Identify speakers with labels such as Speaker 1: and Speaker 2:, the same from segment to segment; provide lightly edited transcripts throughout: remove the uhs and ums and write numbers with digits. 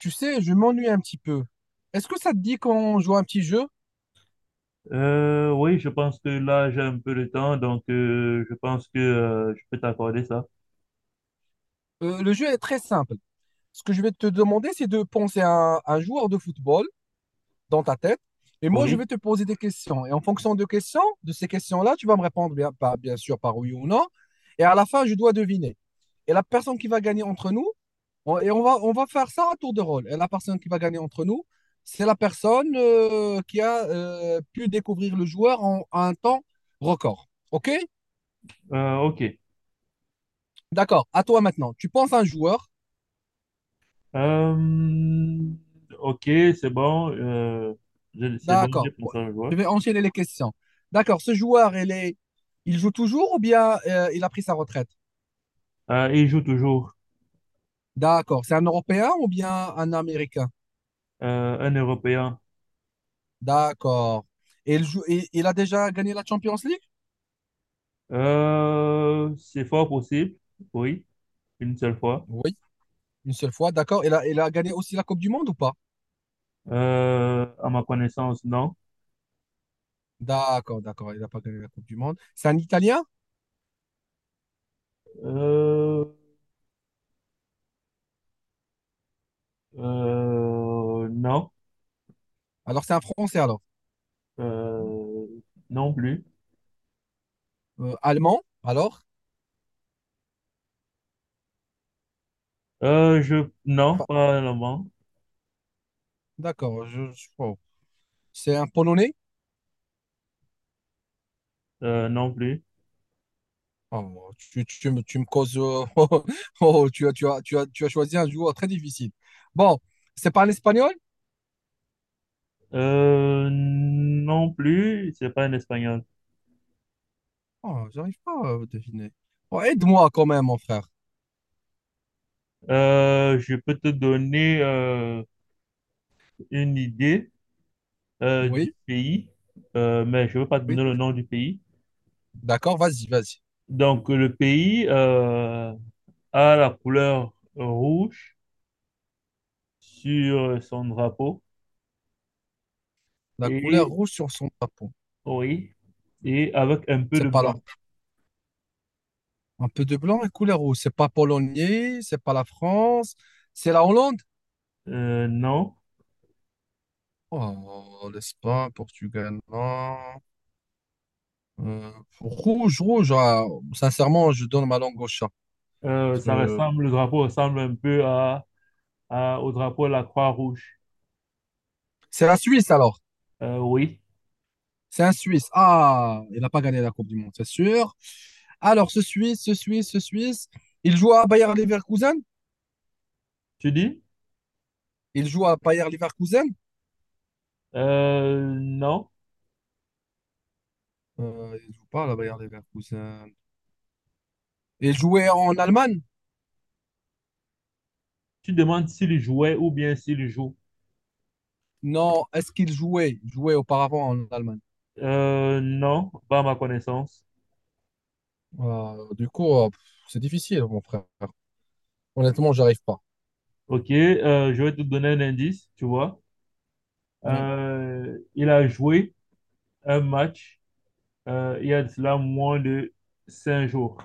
Speaker 1: Tu sais, je m'ennuie un petit peu. Est-ce que ça te dit qu'on joue à un petit jeu?
Speaker 2: Oui, je pense que là, j'ai un peu de temps, donc je pense que je peux t'accorder ça.
Speaker 1: Le jeu est très simple. Ce que je vais te demander, c'est de penser à un joueur de football dans ta tête. Et moi, je
Speaker 2: Oui.
Speaker 1: vais te poser des questions. Et en fonction de questions, de ces questions-là, tu vas me répondre bien, bien sûr par oui ou non. Et à la fin, je dois deviner. Et la personne qui va gagner entre nous, et on va faire ça à tour de rôle. Et la personne qui va gagner entre nous, c'est la personne qui a pu découvrir le joueur en un temps record. OK?
Speaker 2: Ok.
Speaker 1: D'accord, à toi maintenant. Tu penses à un joueur.
Speaker 2: Euh, ok, c'est bon. C'est bon, j'ai
Speaker 1: D'accord. Ouais.
Speaker 2: pensé à le joueur.
Speaker 1: Je vais enchaîner les questions. D'accord, ce joueur, il est... il joue toujours ou bien il a pris sa retraite?
Speaker 2: Il joue toujours.
Speaker 1: D'accord. C'est un Européen ou bien un Américain?
Speaker 2: Un Européen.
Speaker 1: D'accord. Et il joue... il a déjà gagné la Champions League?
Speaker 2: C'est fort possible, oui, une seule fois.
Speaker 1: Oui, une seule fois. D'accord. Il a gagné aussi la Coupe du Monde ou pas?
Speaker 2: À ma connaissance, non.
Speaker 1: D'accord, d'accord. Il n'a pas gagné la Coupe du Monde. C'est un Italien?
Speaker 2: Euh, non,
Speaker 1: Alors, c'est un Français alors.
Speaker 2: euh, non plus.
Speaker 1: Allemand? Alors?
Speaker 2: Non,
Speaker 1: Pas-
Speaker 2: pas vraiment.
Speaker 1: D'accord. Je... oh. C'est un Polonais?
Speaker 2: Non plus.
Speaker 1: Oh, tu me causes. Oh, oh, tu as choisi un joueur très difficile. Bon, c'est pas l'espagnol?
Speaker 2: Non plus, c'est pas un espagnol.
Speaker 1: Oh, j'arrive pas à deviner. Oh, aide-moi quand même, mon frère.
Speaker 2: Je peux te donner une idée du
Speaker 1: Oui.
Speaker 2: pays, mais je ne veux pas te
Speaker 1: Oui.
Speaker 2: donner le nom du pays.
Speaker 1: D'accord, vas-y, vas-y.
Speaker 2: Donc, le pays a la couleur rouge sur son drapeau
Speaker 1: La couleur
Speaker 2: et,
Speaker 1: rouge sur son tapon.
Speaker 2: oui, et avec un peu
Speaker 1: C'est
Speaker 2: de
Speaker 1: pas là.
Speaker 2: blanc.
Speaker 1: Un peu de blanc et couleur rouge. C'est pas polonais, c'est pas la France, c'est la Hollande.
Speaker 2: Non.
Speaker 1: Oh, l'Espagne, Portugal, non. Euh, rouge, rouge. Ah, sincèrement, je donne ma langue au chat. Parce que-
Speaker 2: Le drapeau ressemble un peu au drapeau de la Croix-Rouge.
Speaker 1: C'est la Suisse alors.
Speaker 2: Oui,
Speaker 1: C'est un Suisse. Ah, il n'a pas gagné la Coupe du Monde, c'est sûr. Alors, ce Suisse, il joue à Bayer Leverkusen.
Speaker 2: tu dis?
Speaker 1: Il joue à Bayer Leverkusen.
Speaker 2: Non.
Speaker 1: Il joue pas à la Bayer Leverkusen. Il jouait en Allemagne?
Speaker 2: Tu demandes s'il jouait ou bien s'il joue.
Speaker 1: Non, est-ce qu'il jouait? Il jouait auparavant en Allemagne.
Speaker 2: Non, pas à ma connaissance.
Speaker 1: Du coup, c'est difficile, mon frère. Honnêtement, j'arrive pas.
Speaker 2: Ok, je vais te donner un indice, tu vois.
Speaker 1: Mm.
Speaker 2: Il a joué un match il y a de cela moins de 5 jours.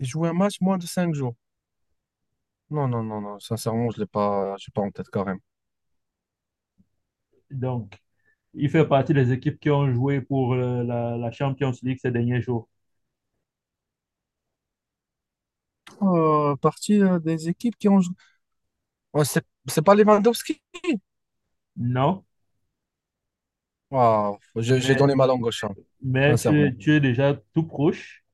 Speaker 1: Il jouait un match moins de 5 jours. Non, non, non, non. Sincèrement, je l'ai pas, j'ai pas en tête quand même.
Speaker 2: Donc, il fait partie des équipes qui ont joué pour la Champions League ces derniers jours.
Speaker 1: Partie des équipes qui ont joué. Ouais, c'est pas Lewandowski?
Speaker 2: Non,
Speaker 1: Waouh, j'ai
Speaker 2: mais,
Speaker 1: donné ma langue au chat,
Speaker 2: mais
Speaker 1: sincèrement.
Speaker 2: tu es déjà tout proche.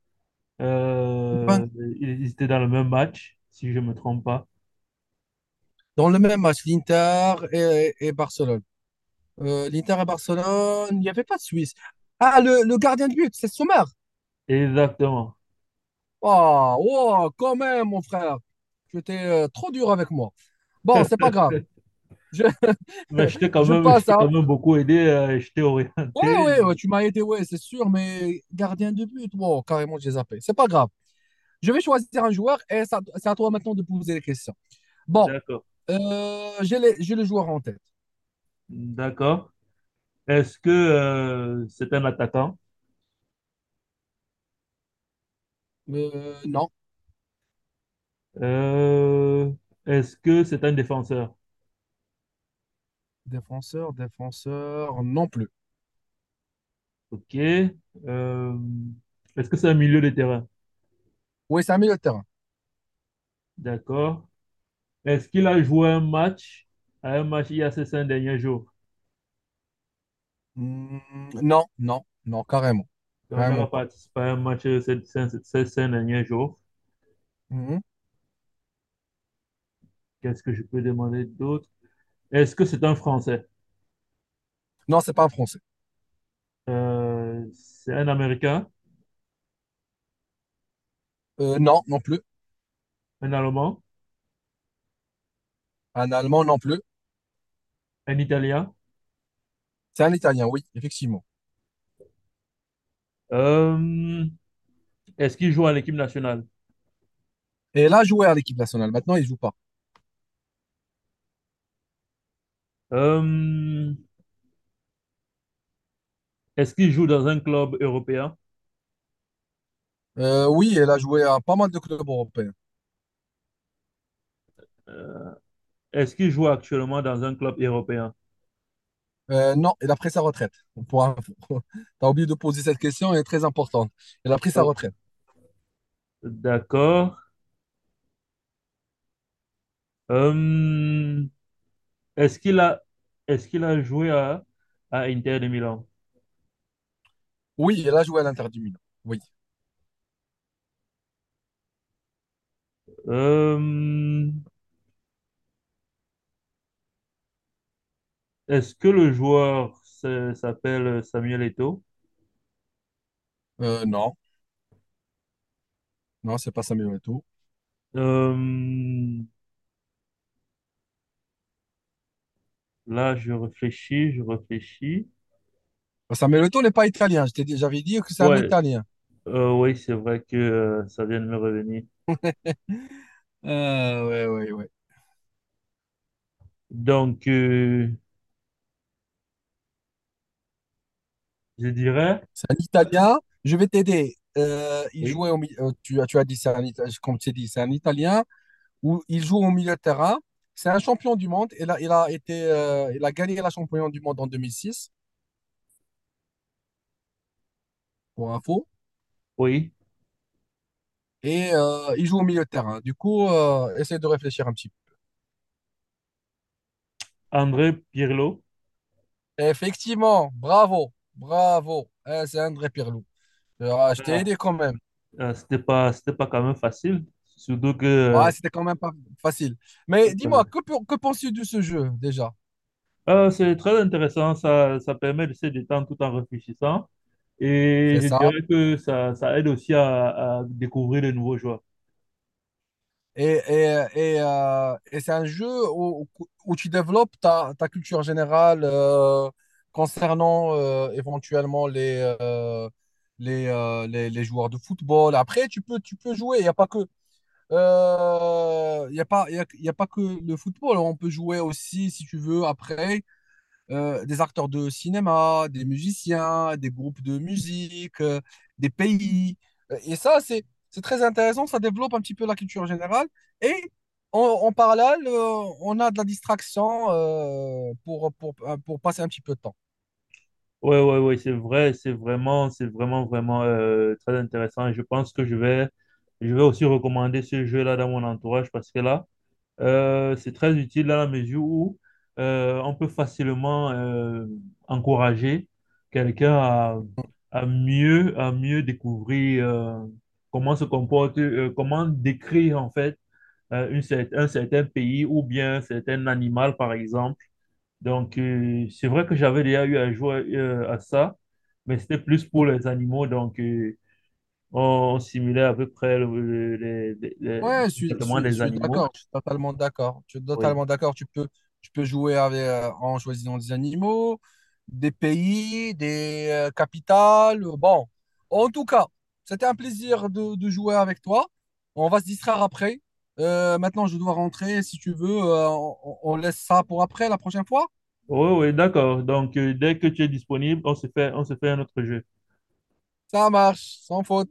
Speaker 1: Ben,
Speaker 2: Euh, Ils étaient dans le même match, si je ne me trompe pas.
Speaker 1: dans le même match, l'Inter et Barcelone. l'Inter et Barcelone, il n'y avait pas de Suisse. Ah, le gardien de but, c'est Sommer.
Speaker 2: Exactement.
Speaker 1: Oh, oh, quand même, mon frère. Tu étais trop dur avec moi. Bon, c'est pas grave. Je,
Speaker 2: Mais
Speaker 1: je
Speaker 2: je
Speaker 1: passe
Speaker 2: t'ai
Speaker 1: à.
Speaker 2: quand même beaucoup aidé, je t'ai
Speaker 1: Ouais,
Speaker 2: orienté.
Speaker 1: ouais, ouais, tu m'as aidé, ouais, c'est sûr, mais gardien de but, wow, carrément, j'ai zappé. C'est pas grave. Je vais choisir un joueur et c'est à toi maintenant de poser les questions. Bon,
Speaker 2: D'accord,
Speaker 1: j'ai le joueur en tête.
Speaker 2: d'accord. Est-ce que c'est un attaquant?
Speaker 1: Non.
Speaker 2: Euh, Est-ce que c'est un défenseur?
Speaker 1: Défenseur, défenseur, non plus.
Speaker 2: Ok. Euh, Est-ce que c'est un milieu de terrain?
Speaker 1: Oui, c'est un milieu de terrain.
Speaker 2: D'accord. Est-ce qu'il a joué un match à un match il y a ces 5 derniers jours?
Speaker 1: Hmm, non, non, non, carrément.
Speaker 2: Donc, il n'a pas
Speaker 1: Carrément pas.
Speaker 2: participé à un match ces cinq derniers jours.
Speaker 1: Mhm.
Speaker 2: Qu'est-ce que je peux demander d'autre? Est-ce que c'est un Français?
Speaker 1: Non, c'est pas un Français.
Speaker 2: C'est un Américain?
Speaker 1: Non, non plus.
Speaker 2: Un Allemand?
Speaker 1: Un Allemand, non plus.
Speaker 2: Un Italien.
Speaker 1: C'est un Italien, oui, effectivement.
Speaker 2: Euh, Est-ce qu'il joue à l'équipe nationale?
Speaker 1: Et il a joué à l'équipe nationale. Maintenant, il joue pas.
Speaker 2: Euh, Est-ce qu'il joue dans un club européen?
Speaker 1: Oui, il a joué à pas mal de clubs européens.
Speaker 2: Euh, Est-ce qu'il joue actuellement dans un club européen?
Speaker 1: Non, il a pris sa retraite. Pour info. T'as oublié de poser cette question, elle est très importante. Il a pris sa
Speaker 2: Oh,
Speaker 1: retraite.
Speaker 2: d'accord. Euh, est-ce qu'il a, Est-ce qu'il a joué à Inter de Milan?
Speaker 1: Oui, il a joué à l'Inter du Milan. Oui.
Speaker 2: Euh, Est-ce que le joueur s'appelle Samuel Eto'o?
Speaker 1: Euh, non, non, c'est pas Samuel Eto'o.
Speaker 2: Euh, Là, je réfléchis.
Speaker 1: Sameloto n'est pas italien. J'avais dit que c'est un
Speaker 2: Ouais,
Speaker 1: italien.
Speaker 2: oui, c'est vrai que ça vient de me revenir.
Speaker 1: Ah, ouais, ouais, ouais.
Speaker 2: Donc, je dirais.
Speaker 1: C'est un italien. Je vais t'aider. Il
Speaker 2: Oui.
Speaker 1: jouait au milieu. Tu as dit, c'est un italien. Comme tu as dit, c'est un italien. Où il joue au milieu de terrain. C'est un champion du monde. Il a été, il a gagné la champion du monde en 2006, pour info.
Speaker 2: Oui,
Speaker 1: Et il joue au milieu de terrain. Du coup, essaie de réfléchir un petit
Speaker 2: André Pirlo.
Speaker 1: peu. Effectivement, bravo, bravo. Eh, c'est André Pirlou. Ah, je t'ai
Speaker 2: Ah,
Speaker 1: aidé quand même.
Speaker 2: c'était pas quand même facile. Surtout que
Speaker 1: Ouais, c'était quand même pas facile. Mais
Speaker 2: euh,
Speaker 1: dis-moi, que penses-tu de ce jeu déjà?
Speaker 2: c'est très intéressant. Ça permet de se détendre tout en réfléchissant. Et
Speaker 1: C'est
Speaker 2: je
Speaker 1: ça.
Speaker 2: dirais que ça aide aussi à découvrir de nouveaux joueurs.
Speaker 1: Et, et, et c'est un jeu où, où tu développes ta culture générale concernant éventuellement les joueurs de football. Après, tu peux jouer. Il n'y a pas que, il y a pas, il y a pas que le football. On peut jouer aussi, si tu veux, après. Des acteurs de cinéma, des musiciens, des groupes de musique, des pays. Et ça, c'est très intéressant, ça développe un petit peu la culture générale. Et en parallèle, on a de la distraction pour passer un petit peu de temps.
Speaker 2: Ouais, ouais, ouais, c'est vrai, c'est vraiment, vraiment très intéressant. Et je pense que je vais aussi recommander ce jeu-là dans mon entourage parce que là, c'est très utile dans la mesure où on peut facilement encourager quelqu'un à mieux découvrir comment décrire en fait un certain pays ou bien un certain animal par exemple. Donc c'est vrai que j'avais déjà eu à jouer à ça, mais c'était plus pour les animaux. Donc on, on simulait à peu près
Speaker 1: Ouais,
Speaker 2: les comportements
Speaker 1: je
Speaker 2: des
Speaker 1: suis
Speaker 2: animaux.
Speaker 1: d'accord, je suis totalement d'accord. Je suis
Speaker 2: Oui.
Speaker 1: totalement d'accord. Tu peux jouer avec, en choisissant des animaux, des pays, des capitales. Bon, en tout cas, c'était un plaisir de jouer avec toi. On va se distraire après. Maintenant, je dois rentrer. Si tu veux, on laisse ça pour après, la prochaine fois.
Speaker 2: Oui, oui, d'accord. Donc, dès que tu es disponible, on se fait un autre jeu.
Speaker 1: Ça marche, sans faute.